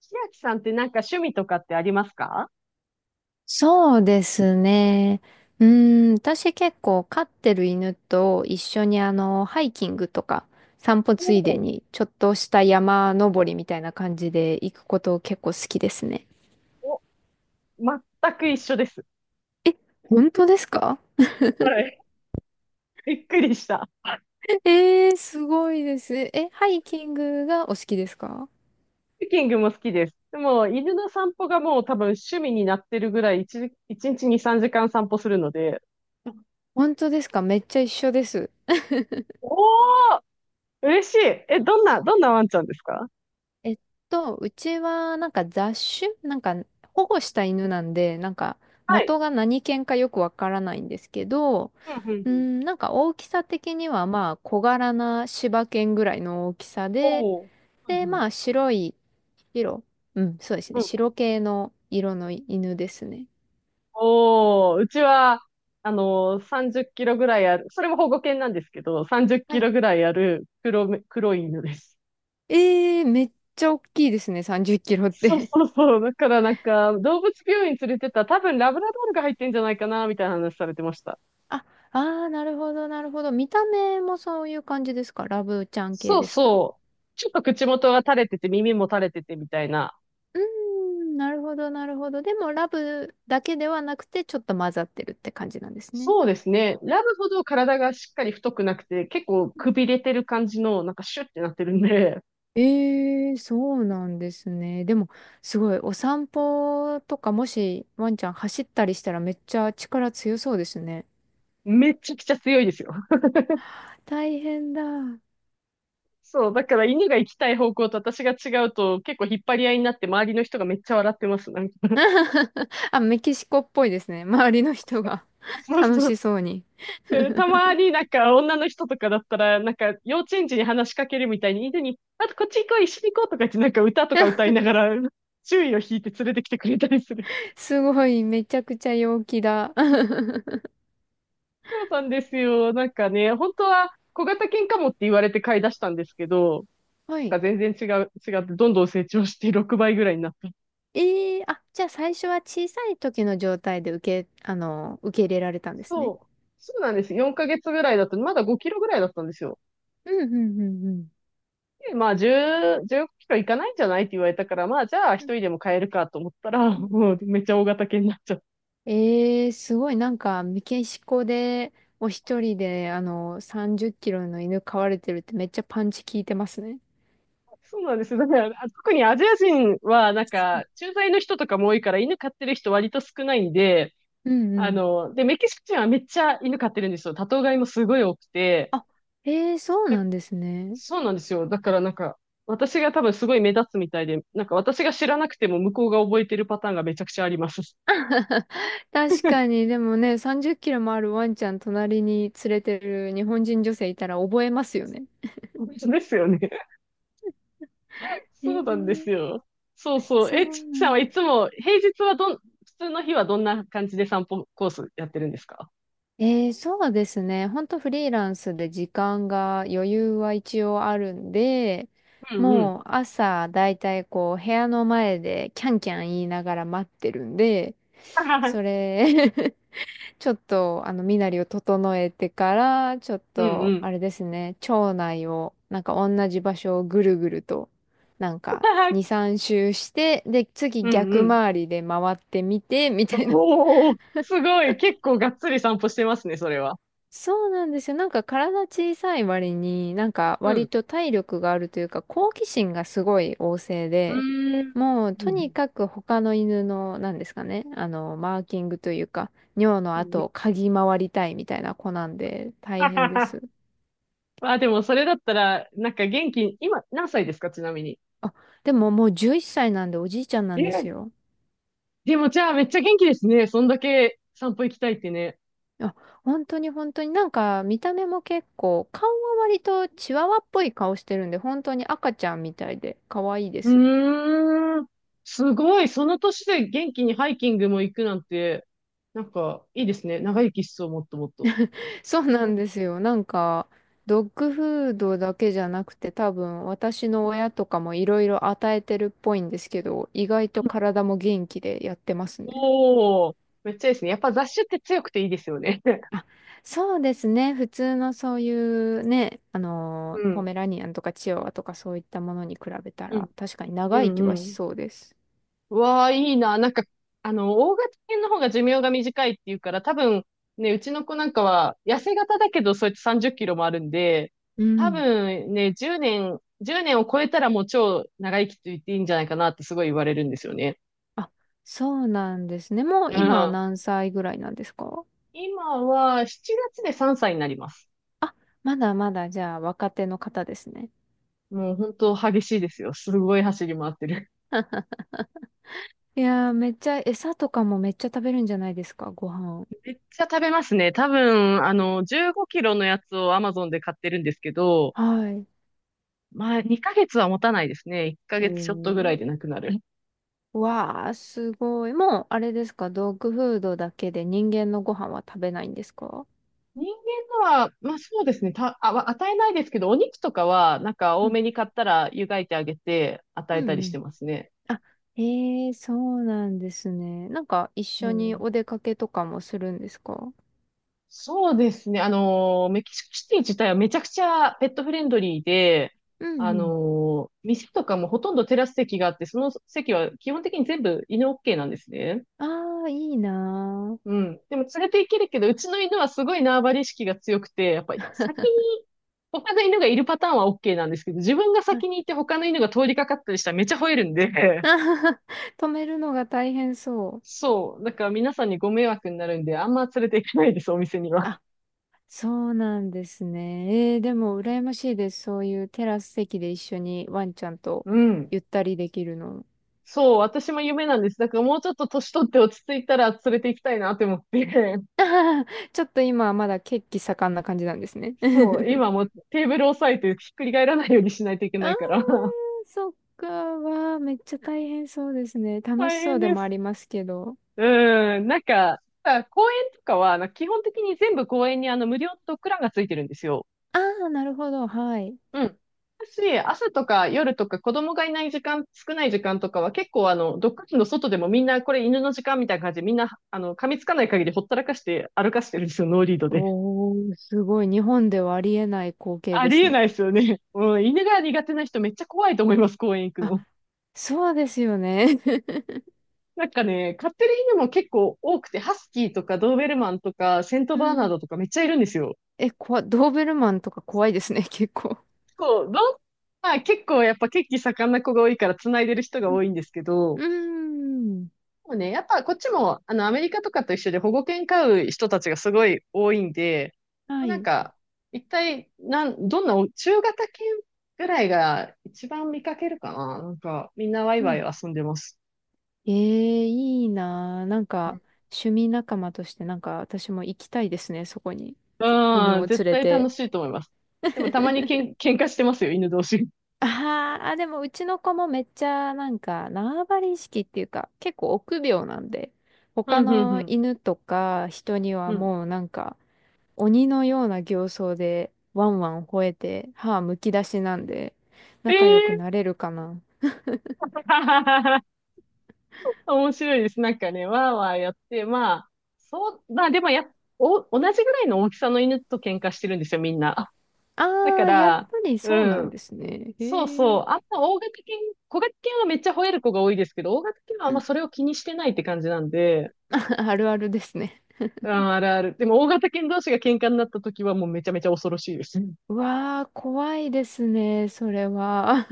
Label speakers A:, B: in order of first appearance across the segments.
A: 千秋さんってなんか趣味とかってありますか？
B: そうですね。私結構飼ってる犬と一緒にハイキングとか散歩
A: お
B: ついで
A: う。
B: にちょっとした山登りみたいな感じで行くこと結構好きですね。
A: お、全く一緒です。
B: え、本当ですか？
A: はい。びっくりした。ハ
B: えー、すごいです。え、ハイキングがお好きですか？
A: ッキングも好きです。でも、犬の散歩がもう多分趣味になってるぐらい、1、一日一日に3時間散歩するので、
B: 本当ですか？めっちゃ一緒です。
A: おー、嬉しい。え、どんなワンちゃんですか？
B: えっうちはなんか雑種、なんか保護した犬なんで、なんか
A: は
B: 元
A: い。
B: が何犬かよくわからないんですけど、
A: うんうんう
B: う
A: ん。
B: ん、なんか大きさ的にはまあ小柄な柴犬ぐらいの大きさで、
A: おー、う
B: で、
A: んう
B: ま
A: ん
B: あ白い、白、うん、そうですね、
A: うん。
B: 白系の色の犬ですね。
A: おー、うちは、30キロぐらいある、それも保護犬なんですけど、30キ
B: はい。
A: ロぐらいある黒い犬です。
B: えー、めっちゃ大きいですね、30キロっ
A: そう
B: て。
A: そ うそう。だからなんか、動物病院連れてったら多分ラブラドールが入ってんじゃないかな、みたいな話されてました。
B: あ、あー、なるほど、なるほど。見た目もそういう感じですか？ラブちゃん系
A: そう
B: ですか？
A: そう。ちょっと口元が垂れてて、耳も垂れててみたいな。
B: うーん、なるほど、なるほど。でも、ラブだけではなくて、ちょっと混ざってるって感じなんですね。
A: そうですね。ラブほど体がしっかり太くなくて、結構くびれてる感じの、なんかシュッてなってるんで、
B: ええ、そうなんですね。でも、すごい、お散歩とか、もし、ワンちゃん走ったりしたら、めっちゃ力強そうですね。
A: めちゃくちゃ強いですよ。
B: 大変だ。
A: そう、だから犬が行きたい方向と私が違うと、結構引っ張り合いになって、周りの人がめっちゃ笑ってます。なんか。
B: あ、メキシコっぽいですね。周りの人が
A: そう
B: 楽
A: そう。
B: しそうに。
A: で、たまになんか女の人とかだったら、なんか幼稚園児に話しかけるみたいに、犬に、あとこっち行こう、一緒に行こうとか言ってなんか歌とか歌い ながら、注意を引いて連れてきてくれたりする。
B: すごい、めちゃくちゃ陽気だ。
A: そうなんですよ。なんかね、本当は小型犬かもって言われて飼い出したんですけど、
B: は
A: な
B: い。
A: んか全然違う、違ってどんどん成長して6倍ぐらいになった。
B: ええ、あ、じゃあ最初は小さい時の状態で受け入れられたんです
A: そ
B: ね。
A: う。そうなんです。4ヶ月ぐらいだったまだ5キロぐらいだったんですよ。
B: うん、うん、うん、うん。
A: で、まあ10、5キロいかないんじゃないって言われたから、まあじゃあ一
B: うん
A: 人でも飼えるかと思ったら、
B: うん、
A: もうめっちゃ大型犬になっちゃっ。
B: ええ、すごい、なんか、メキシコで、お一人で、30キロの犬飼われてるってめっちゃパンチ効いてますね。
A: そうなんですよ。だから、あ、特にアジア人は、なんか、駐在の人とかも多いから、犬飼ってる人割と少ないんで、
B: うんうん。
A: で、メキシコ人はめっちゃ犬飼ってるんですよ。多頭飼いもすごい多くて、
B: あ、ええ、そうなんですね。
A: そうなんですよ。だからなんか、私が多分すごい目立つみたいで、なんか私が知らなくても向こうが覚えてるパターンがめちゃくちゃあります。
B: 確かに、でもね、30キロもあるワンちゃん隣に連れてる日本人女性いたら覚えますよね。
A: 本当ですよね。そうなんです
B: ええ、
A: よ。そうそう。
B: そ
A: え、ち
B: う
A: き
B: な
A: さんは
B: ん、
A: いつも、平日はどん、普通の日はどんな感じで散歩コースやってるんですか？
B: えー、そうですね。ほんとフリーランスで時間が余裕は一応あるんで、
A: うんう
B: も
A: ん。
B: う朝だいたいこう部屋の前でキャンキャン言いながら待ってるんで、それ ちょっと身なりを整えてから、ちょっ
A: うんう
B: とあ
A: ん。
B: れですね、町内をなんか同じ場所をぐるぐると、なんか2、3周して、で次
A: うんう
B: 逆
A: ん。
B: 回りで回ってみてみたいな。
A: おお、すごい。結構がっつり散歩してますね、それは。
B: そうなんですよ。なんか体小さい割に、なんか
A: う
B: 割
A: ん。
B: と体力があるというか、好奇心がすごい旺盛
A: う
B: で、
A: ーん。
B: もう
A: うんう
B: とに
A: ん
B: かく他の犬の、なんですかね、マーキングというか、尿の
A: うん。
B: 跡を嗅ぎ回りたいみたいな子なんで、大
A: はは
B: 変で
A: は。
B: す。
A: ま あ、でもそれだったら、なんか元気、今何歳ですか、ちなみに。
B: あ、でももう11歳なんでおじいちゃんなんです
A: え、
B: よ。
A: でもじゃあめっちゃ元気ですね。そんだけ散歩行きたいってね。
B: あ、本当に、本当になんか見た目も結構、顔は割とチワワっぽい顔してるんで、本当に赤ちゃんみたいで可愛いです。
A: うーん。すごい。その年で元気にハイキングも行くなんて、なんかいいですね。長生きしそう、もっともっと。
B: そうなんですよ。なんか、ドッグフードだけじゃなくて、多分私の親とかもいろいろ与えてるっぽいんですけど、意外と体も元気でやってますね。
A: おお、めっちゃいいですね。やっぱ雑種って強くていいですよね。
B: あ、そうですね。普通のそういうね、
A: う
B: ポ
A: ん。
B: メラニアンとかチワワとかそういったものに比べた
A: う
B: ら、
A: ん
B: 確かに
A: う
B: 長生
A: ん
B: き
A: う
B: はし
A: ん。
B: そうです。
A: うわあ、いいな。なんか、大型犬の方が寿命が短いっていうから、多分、ね、うちの子なんかは、痩せ型だけど、そうやって30キロもあるんで、
B: う
A: 多
B: ん。
A: 分ね、10年、1年を超えたらもう超長生きと言っていいんじゃないかなってすごい言われるんですよね。
B: あ、そうなんですね。もう
A: う
B: 今は
A: ん。
B: 何歳ぐらいなんですか？
A: 今は7月で3歳になります。
B: あ、まだまだじゃあ若手の方ですね。
A: もう本当激しいですよ。すごい走り回ってる。
B: いやー、めっちゃ、餌とかもめっちゃ食べるんじゃないですか、ご飯。
A: めっちゃ食べますね。多分、15キロのやつを Amazon で買ってるんですけど、
B: はい。
A: まあ、2ヶ月は持たないですね。1
B: お
A: ヶ月ちょっとぐらいで
B: ー。
A: なくなる。
B: わー、すごい。もう、あれですか、ドッグフードだけで人間のご飯は食べないんですか？
A: 人間のは、まあそうですね。た、あ、わ与えないですけど、お肉とかは、なんか
B: う
A: 多
B: ん。
A: めに買ったら湯がいてあげて与
B: う
A: え
B: ん
A: たり
B: う
A: して
B: ん。
A: ますね。
B: あ、えー、そうなんですね。なんか、一
A: う
B: 緒に
A: ん。
B: お出かけとかもするんですか？
A: そうですね。メキシコシティ自体はめちゃくちゃペットフレンドリーで、
B: うんうん。
A: 店とかもほとんどテラス席があって、その席は基本的に全部犬 OK なんですね。
B: あー、いいな
A: うん。でも連れて行けるけど、うちの犬はすごい縄張り意識が強くて、やっぱり先に他の犬がいるパターンは OK なんですけど、自分が
B: ー。あ
A: 先に行って他の犬が通りかかったりしたらめっちゃ吠えるんで、
B: 止めるのが大変 そう。
A: そう。だから皆さんにご迷惑になるんで、あんま連れて行かないです、お店には。
B: あ、そうなんですね。えー、でも羨ましいです。そういうテラス席で一緒にワンちゃんと
A: うん。
B: ゆったりできるの。
A: そう、私も夢なんです。だからもうちょっと年取って落ち着いたら連れて行きたいなって思って。
B: あはは、ちょっと今はまだ血気盛んな感じなんですね。
A: そう、今もうテーブル押さえてひっくり返らないようにしないといけ
B: あ
A: ない
B: ー、
A: から。
B: そっか。わー、めっちゃ大変そうですね。楽し
A: 大
B: そ
A: 変
B: うで
A: で
B: もあ
A: す。
B: りますけど。
A: うん、なんか、あ、公園とかは、なんか基本的に全部公園に無料のドッグランがついてるんですよ。
B: ああ、なるほど。はい。
A: うん。私、朝とか夜とか子供がいない時間、少ない時間とかは結構ドッグランの外でもみんなこれ犬の時間みたいな感じでみんな、噛みつかない限りほったらかして歩かしてるんですよ、ノーリードで。
B: おー、すごい。日本ではありえない光景
A: あ
B: で
A: り
B: す
A: え
B: ね。
A: ないですよね。うん、犬が苦手な人めっちゃ怖いと思います、公園行く
B: あ、
A: の。
B: そうですよね。
A: なんかね、飼ってる犬も結構多くて、ハスキーとかドーベルマンとかセント
B: う
A: バーナー
B: ん。
A: ドとかめっちゃいるんですよ。
B: え、こわ、ドーベルマンとか怖いですね、結構。
A: 構、どん、まあ結構やっぱ血気盛んな子が多いから繋いでる人が多いんですけど、
B: うーん。
A: もうね、やっぱこっちも、アメリカとかと一緒で保護犬飼う人たちがすごい多いんで、も
B: は
A: うなん
B: い。
A: か、一体、なん、どんなお、中型犬ぐらいが一番見かけるかななんか、みんなワイ
B: う
A: ワイ
B: ん。
A: 遊んでます。
B: ええ、いいなあ。なんか、趣味仲間として、なんか、私も行きたいですね、そこに。
A: うん、
B: 犬
A: うん、
B: を
A: 絶
B: 連れ
A: 対楽
B: て。
A: しいと思います。でもたまに喧嘩してますよ、犬同士。
B: あーあ、でも、うちの子もめっちゃ、なんか、縄張り意識っていうか、結構臆病なんで、
A: う
B: 他
A: ん、うん、う
B: の
A: ん。
B: 犬とか人には
A: うん。
B: もう、なんか、鬼のような形相で、ワンワン吠えて、歯むき出しなんで、
A: ええ
B: 仲良く
A: ー。
B: なれるかな。
A: 面白いです。なんかね、わーわーやって、まあ、そう、まあでもや、お、同じぐらいの大きさの犬と喧嘩してるんですよ、みんな。だ
B: あ
A: か
B: あ、やっぱ
A: ら、
B: り
A: う
B: そうなん
A: ん。
B: ですね。
A: そう
B: へ
A: そ
B: え。
A: う。あんま大型犬、小型犬はめっちゃ吠える子が多いですけど、大型犬はあ
B: う
A: んま
B: ん。
A: それを気にしてないって感じなんで、
B: あるあるですね。
A: うん、あるある。でも大型犬同士が喧嘩になった時はもうめちゃめちゃ恐ろしいです。
B: うわあ、怖いですね、それは。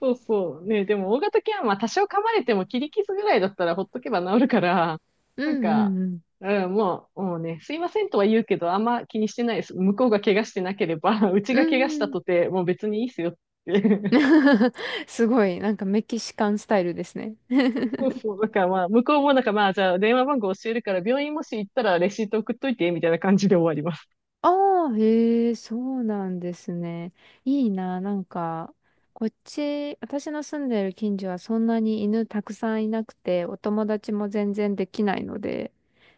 A: そうそう。ね、でも大型犬はまあ多少噛まれても切り傷ぐらいだったらほっとけば治るから、
B: う
A: なん
B: んう
A: か、
B: んうん。
A: うん、もうね、すいませんとは言うけど、あんま気にしてないです。向こうが怪我してなければ、うち
B: う
A: が怪我し
B: ん
A: た
B: うん。
A: とて、もう別にいいっすよって。
B: すごい、なんかメキシカンスタイルですね。
A: そうそう。だからまあ、向こうもなんかまあ、じゃあ電話番号教えるから、病院もし行ったらレシート送っといて、みたいな感じで終わります。
B: ああ、へえ、そうなんですね。いいな、なんか、こっち、私の住んでる近所はそんなに犬たくさんいなくて、お友達も全然できないので、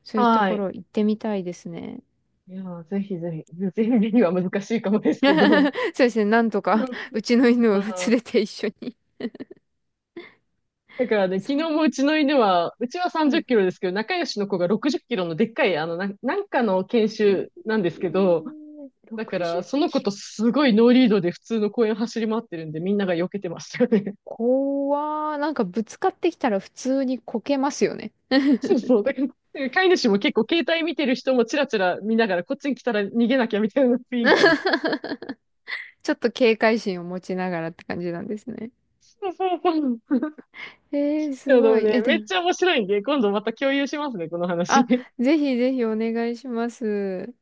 B: そういうと
A: は
B: こ
A: い。
B: ろ行ってみたいですね。
A: いやー、ぜひぜひ、ぜひぜひは難しいかもですけど。
B: そうですね、なんと
A: う
B: か、
A: ん。
B: うちの犬
A: う
B: を連
A: ん、
B: れて一緒に。
A: だからね、昨
B: そ
A: 日
B: う、
A: もうちの犬は、うちは
B: は
A: 30キ
B: い。
A: ロですけど、仲良しの子が60キロのでっかい、あの、なんかの研
B: え
A: 修
B: ー、
A: なんですけど、だか
B: 60
A: ら、
B: キ
A: その子
B: ロ。
A: とすごいノーリードで普通の公園走り回ってるんで、みんなが避けてましたよね。
B: 怖ー。なんかぶつかってきたら普通にこけますよね。
A: そうそう。だから、飼い主も結構携帯見てる人もチラチラ見ながら、こっちに来たら逃げなきゃみたいな雰囲気です。
B: ちょっと警戒心を持ちながらって感じなんですね。
A: そうそうそう。
B: えー、
A: で
B: すご
A: も
B: い。
A: ね、
B: え、で
A: めっ
B: も、
A: ちゃ面白いんで、今度また共有しますね、この話。
B: あ、ぜひぜひお願いします。